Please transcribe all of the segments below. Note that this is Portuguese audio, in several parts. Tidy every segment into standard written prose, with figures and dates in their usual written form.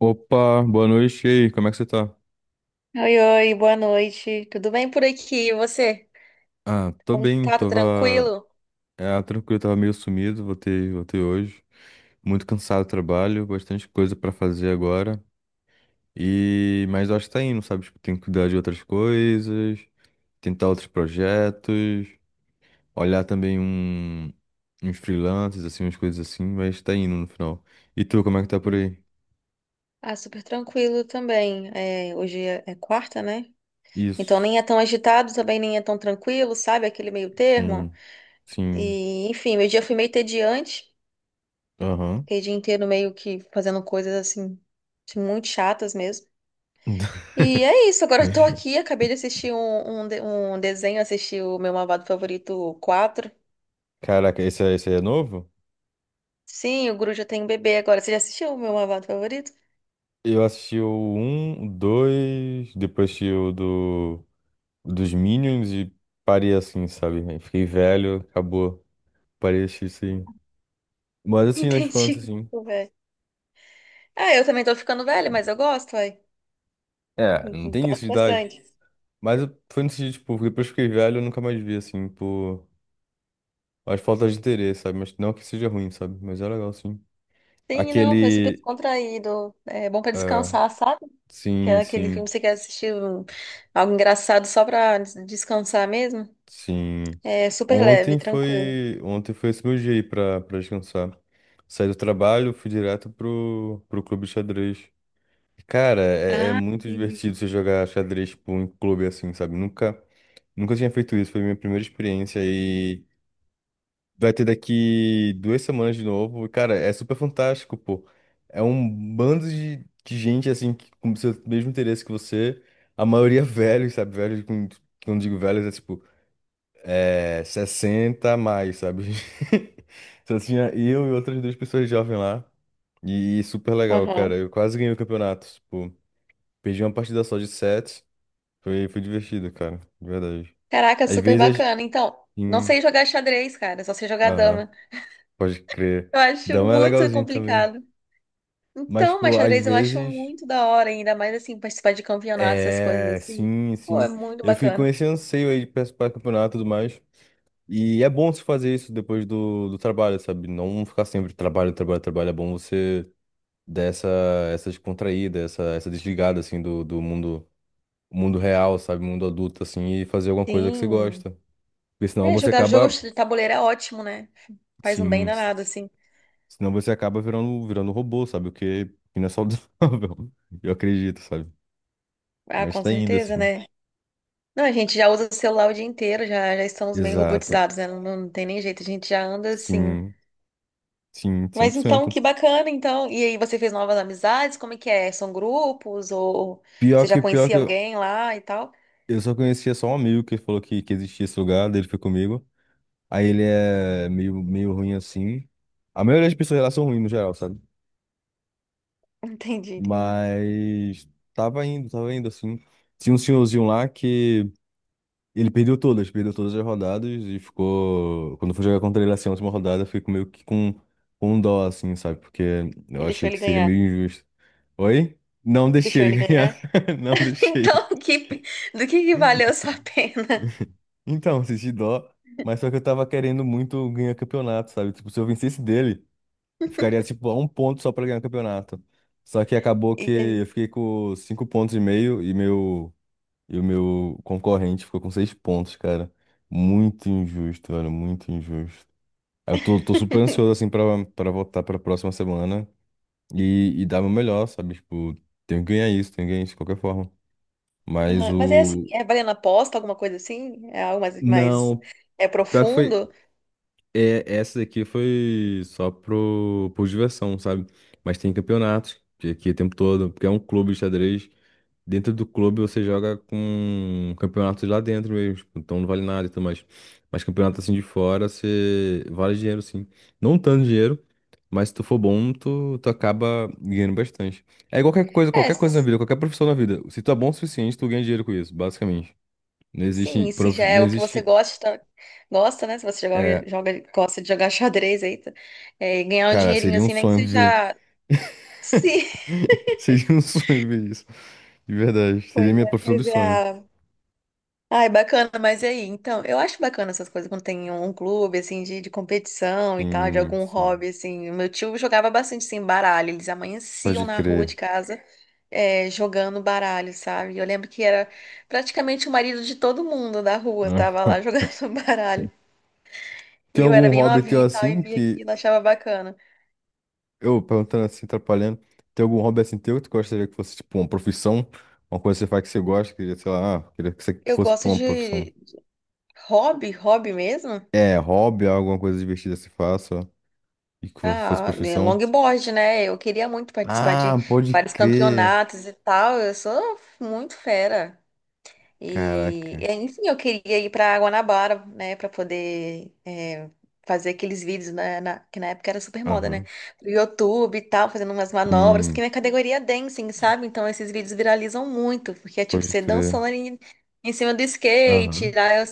Opa, boa noite. E aí, como é que você tá? Oi, oi, boa noite. Tudo bem por aqui? E você? Ah, tô Como bem, tá? Tá tava. tranquilo? É, tranquilo, tava meio sumido, voltei hoje. Muito cansado do trabalho, bastante coisa pra fazer agora. E mas eu acho que tá indo, sabe? Tipo, tem que cuidar de outras coisas, tentar outros projetos, olhar também uns freelancers, assim, umas coisas assim, mas tá indo no final. E tu, como é que tá por Hum. aí? Ah, super tranquilo também. É, hoje é quarta, né? Então nem Isso. é tão agitado, também nem é tão tranquilo, sabe? Aquele meio termo. Sim, sim. E, enfim, meu dia foi meio entediante. Aham. Fiquei o dia inteiro meio que fazendo coisas assim, muito chatas mesmo. E é isso, agora eu tô aqui, acabei de assistir um desenho, assisti o Meu Malvado Favorito 4. Caraca, esse aí é novo? Sim, o Guru já tem um bebê agora. Você já assistiu o Meu Malvado Favorito? Eu assisti o um o 2, depois assisti dos Minions e parei assim, sabe? Aí fiquei velho, acabou. Parei de assistir isso aí. Mas assisti na infância, Entendi. assim. Velho. Ah, eu também tô ficando velha, mas eu gosto, ué. É, não Uhum, tem isso gosto de idade. bastante. Foi no sentido, tipo, depois que fiquei velho, eu nunca mais vi, assim, por as faltas de interesse, sabe? Mas não que seja ruim, sabe? Mas é legal, sim. Sim, não, foi super Aquele. descontraído. É bom pra descansar, sabe? Que Sim, é aquele filme sim. que você quer assistir algo engraçado só pra descansar mesmo. Sim. É super leve, tranquilo. Ontem foi esse meu dia aí pra descansar. Saí do trabalho, fui direto pro clube de xadrez. E, cara, é Ah, muito entendi. divertido você jogar xadrez, tipo, em clube assim, sabe? Nunca tinha feito isso, foi minha primeira experiência e vai ter daqui 2 semanas de novo. E, cara, é super fantástico, pô. É um bando de gente, assim, que, com o seu mesmo interesse que você. A maioria velhos, sabe? Quando digo velhos, é tipo. É, 60 a mais, sabe? Só tinha eu e outras duas pessoas jovens lá. E super legal, cara. Aham. Eu quase ganhei o campeonato. Tipo, perdi uma partida só de sete. Foi, foi divertido, cara. De verdade. Caraca, Às super vezes. bacana. Então, não Sim, sei jogar xadrez, cara, só sei jogar aham, dama. pode crer. Eu acho Dama é muito legalzinho também. complicado. Mas, Então, mas tipo, às xadrez eu acho vezes. muito da hora, ainda mais assim, participar de campeonatos, essas coisas É, assim. sim, Pô, sim. é muito Eu fico com bacana. esse anseio aí de participar do campeonato e tudo mais. E é bom você fazer isso depois do trabalho, sabe? Não ficar sempre trabalho, trabalho, trabalho. É bom você dessa essa descontraída, essa desligada assim do mundo real, sabe, mundo adulto assim e fazer alguma coisa que você Sim. gosta. Porque senão É, você jogar acaba, jogos de tabuleiro é ótimo, né? Faz um bem sim, danado, assim. senão você acaba virando robô, sabe, o que que não é saudável. Eu acredito, sabe? Ah, Mas com tá ainda certeza, assim. né? Não, a gente já usa o celular o dia inteiro, já estamos meio Exato. robotizados, né? Não, não tem nem jeito, a gente já anda assim. Sim, sim, cem Mas por então, cento que bacana, então. E aí, você fez novas amizades? Como é que é? São grupos? Ou Pior você já que pior que conhecia eu, alguém lá e tal? eu só conhecia só um amigo que falou que existia esse lugar, daí ele foi comigo. Aí ele é meio ruim assim. A maioria das pessoas lá são ruins no geral, sabe? Entendi, entendi. Mas tava indo assim. Tinha um senhorzinho lá que ele perdeu todas as rodadas e ficou. Quando foi jogar contra ele assim, na última rodada, eu fiquei com um dó, assim, sabe? Porque eu E deixou achei que ele seria ganhar. meio injusto. Oi? Não deixei Deixou ele ele ganhar. ganhar. Não deixei. Então, que, do que valeu a sua pena? Então, senti dó, mas só que eu tava querendo muito ganhar campeonato, sabe? Tipo, se eu vencesse dele, eu ficaria tipo a um ponto só pra ganhar campeonato. Só que acabou E que aí? eu fiquei com cinco pontos e meio e meu. E o meu concorrente ficou com seis pontos, cara. Muito injusto, olha, muito injusto. Eu tô super ansioso, assim, pra voltar pra próxima semana e dar meu melhor, sabe? Tipo, tenho que ganhar isso, tenho que ganhar isso de qualquer forma. Mas Aham, mas é assim, o. é valendo aposta, alguma coisa assim? É algo mais, mais Não, é pior que foi. profundo? É, essa daqui foi só por diversão, sabe? Mas tem campeonatos que aqui o tempo todo, porque é um clube de xadrez. Dentro do clube você joga com campeonatos lá dentro mesmo, tipo, então não vale nada e tudo mais. Mas campeonato assim de fora, você vale dinheiro sim. Não tanto dinheiro, mas se tu for bom, tu acaba ganhando bastante. É igual É, qualquer coisa na vida, qualquer profissão na vida. Se tu é bom o suficiente, tu ganha dinheiro com isso, basicamente. Não sim, existe, e se já prof- é não o que você existe, gosta, gosta, né? Se você É, gosta de jogar xadrez aí, tá? É, e ganhar um cara, dinheirinho seria um assim, nem que sonho ver. seja. Sim, Seria um sonho ver isso. De verdade, seria a pois minha é, profissão pois dos é. sonhos. Ah, ai, bacana, mas e aí? Então, eu acho bacana essas coisas quando tem um clube, assim, de competição e tal, de Sim, algum sim. hobby, assim. O meu tio jogava bastante, assim, baralho. Eles amanheciam Pode na rua de crer. casa. É, jogando baralho, sabe? Eu lembro que era praticamente o marido de todo mundo da rua, tava lá jogando baralho. E Tem eu algum era bem hobby teu novinha e tal, e assim via que. aquilo, achava bacana. Eu perguntando assim, atrapalhando. Tem algum hobby assim teu que tu gostaria que fosse, tipo, uma profissão? Uma coisa que você faz que você gosta, que, sei lá, ah, queria que você Eu fosse pra gosto uma profissão. de hobby, hobby mesmo. É, hobby, alguma coisa divertida que você faça e que fosse Ah, né, profissão? longboard, né? Eu queria muito participar de Ah, pode vários crer. campeonatos e tal. Eu sou muito fera. E, Caraca. Enfim, eu queria ir para Guanabara, né, para poder fazer aqueles vídeos que na época era super moda, né? Aham. Pro YouTube e tal, fazendo umas manobras, porque Sim, minha categoria é dancing, sabe? Então esses vídeos viralizam muito, porque é tipo pode você crer. dançando em cima do skate, Aham. lá eu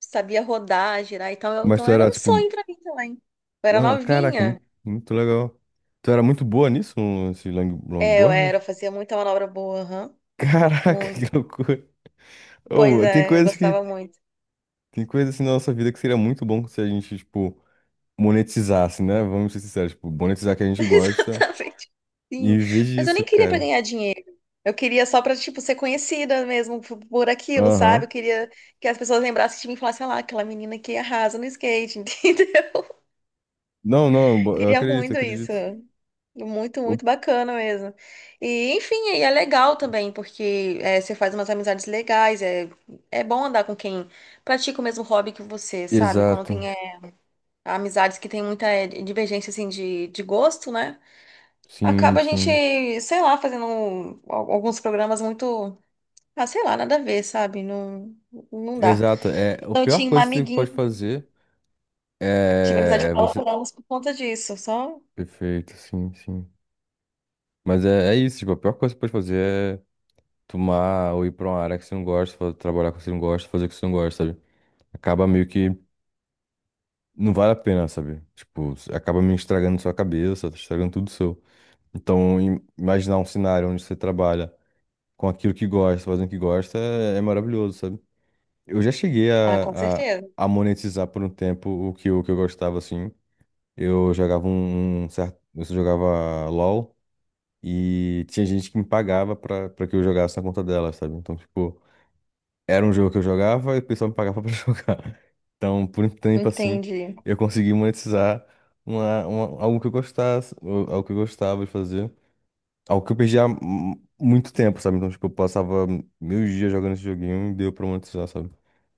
sabia rodar, girar, então, Mas então tu era era, um tipo, sonho para mim também. Eu era ah, caraca, novinha, muito, muito legal. Tu era muito boa nisso, longboard? eu fazia muita manobra boa, aham, Caraca, que muito. loucura. Pois Oh, tem é, eu coisas gostava que. muito. Tem coisa assim na nossa vida que seria muito bom se a gente, tipo, monetizasse, né? Vamos ser sinceros, tipo, monetizar que a gente gosta Exatamente. Sim. e viver Mas eu disso, nem queria pra cara. ganhar dinheiro. Eu queria só pra, tipo, ser conhecida mesmo por aquilo, Aham. sabe? Eu queria que as pessoas lembrassem de mim e falassem, ah lá, aquela menina que arrasa no skate, entendeu? Não, não, eu Queria acredito, eu muito isso. acredito. Muito, O- muito bacana mesmo. E, enfim, e é legal também, porque você faz umas amizades legais. É, é bom andar com quem pratica o mesmo hobby que você, sabe? Quando tem Exato. Amizades que tem muita divergência, assim, de gosto, né? Sim, Acaba a gente, sim. sei lá, fazendo alguns programas muito, ah, sei lá, nada a ver, sabe? Não, não dá. Exato. É, a Então, eu pior tinha uma coisa que você amiguinha, pode fazer tive amizade é com ela você. por anos por conta disso, só. Perfeito, sim, sim. Mas é, é isso, tipo, a pior coisa que você pode fazer é tomar ou ir pra uma área que você não gosta, trabalhar com o que você não gosta, fazer o que você não gosta, sabe? Acaba meio que não vale a pena, sabe? Tipo, acaba me estragando sua cabeça, tá estragando tudo seu. Então, imaginar um cenário onde você trabalha com aquilo que gosta, fazendo o que gosta, é maravilhoso, sabe? Eu já cheguei Ah, com certeza. a monetizar por um tempo o que, o que eu gostava, assim. Eu jogava um, um certo. Eu jogava LOL e tinha gente que me pagava pra que eu jogasse na conta dela, sabe? Então, tipo, era um jogo que eu jogava e o pessoal me pagava pra jogar. Então, por um tempo assim, Entendi, eu consegui monetizar algo que eu gostasse, ou algo que eu gostava de fazer, algo que eu perdi há muito tempo, sabe? Então, tipo, eu passava mil dias jogando esse joguinho e deu pra monetizar, sabe?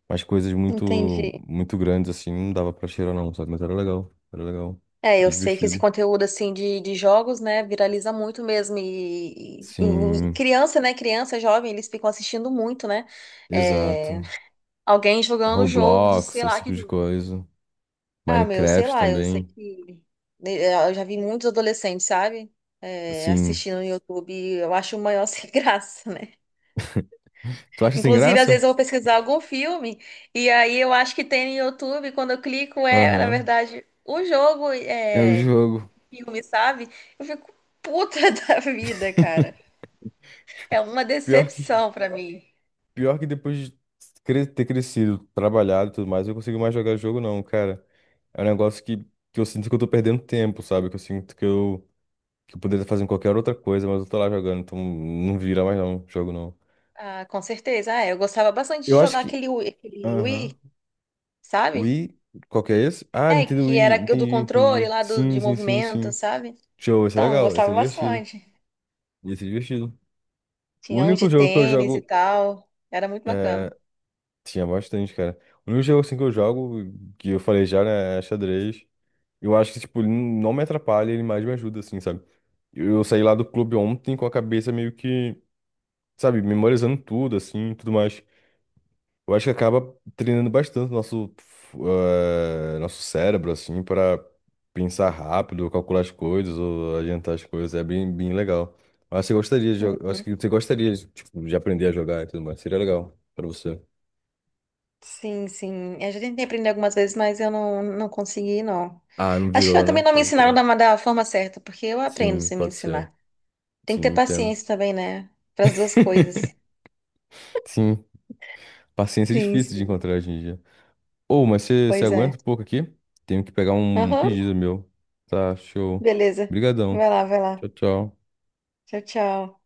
Mas coisas muito, entendi. muito grandes assim, não dava pra cheirar não, sabe? Mas era legal, É, eu sei que esse divertido. conteúdo, assim, de jogos, né, viraliza muito mesmo. E Sim, criança, né, criança, jovem, eles ficam assistindo muito, né? É, exato. alguém jogando jogos, Roblox, sei esse lá, tipo que de coisa. ah, meu, sei Minecraft lá, eu sei também. que eu já vi muitos adolescentes, sabe? Assim, Assistindo no YouTube, eu acho o maior sem graça, né? tu acha sem Inclusive, às graça? vezes eu vou pesquisar algum filme e aí eu acho que tem no YouTube, quando eu clico, na Aham. verdade, o jogo É o é jogo. filme, sabe? Eu fico puta da vida, cara. É uma Pior que decepção pra mim. Pior que depois de ter crescido, trabalhado e tudo mais, eu não consigo mais jogar jogo, não, cara. É um negócio que eu sinto que eu tô perdendo tempo, sabe? Que eu sinto que eu poderia fazer qualquer outra coisa, mas eu tô lá jogando, então não vira mais não, jogo não. Ah, com certeza. Ah, é, eu gostava bastante de Eu acho jogar que. Aquele Aham. Wii, sabe? Wii, qual que é esse? Ah, É, Nintendo que Wii, era o do entendi, controle entendi. lá do, Sim, de sim, sim, movimento, sim. sabe? Show, esse é Então, legal, esse é gostava divertido. bastante. Esse é divertido. O Tinha um de único jogo que eu tênis e jogo. tal. Era muito bacana. É... Tinha bastante, cara. O único jogo assim que eu jogo, que eu falei já, né, é xadrez. Eu acho que, tipo, ele não me atrapalha, ele mais me ajuda, assim, sabe? Eu saí lá do clube ontem com a cabeça meio que, sabe, memorizando tudo, assim, e tudo mais. Eu acho que acaba treinando bastante o nosso, nosso cérebro, assim, para pensar rápido, calcular as coisas ou adiantar as coisas. É bem, bem legal. Eu acho que você gostaria de, Hum, jo- eu acho que você gostaria, tipo, de aprender a jogar e tudo mais. Seria legal para você. Sim, sim. Eu já tentei aprender algumas vezes, mas eu não consegui, não. Ah, não Acho que eu virou, também né? não me Pode ensinaram crer. da forma certa, porque eu aprendo Sim, sem me pode ser. ensinar. Tem que ter Sim, entendo. paciência também, né? Para as duas coisas. Sim, paciência é Sim, difícil de sim. encontrar hoje em dia. Ô, mas você Pois é. aguenta um pouco aqui? Tenho que pegar um Aham. pedido meu. Tá, show. Beleza. Obrigadão. Vai lá, vai lá. Tchau, tchau. Tchau, tchau.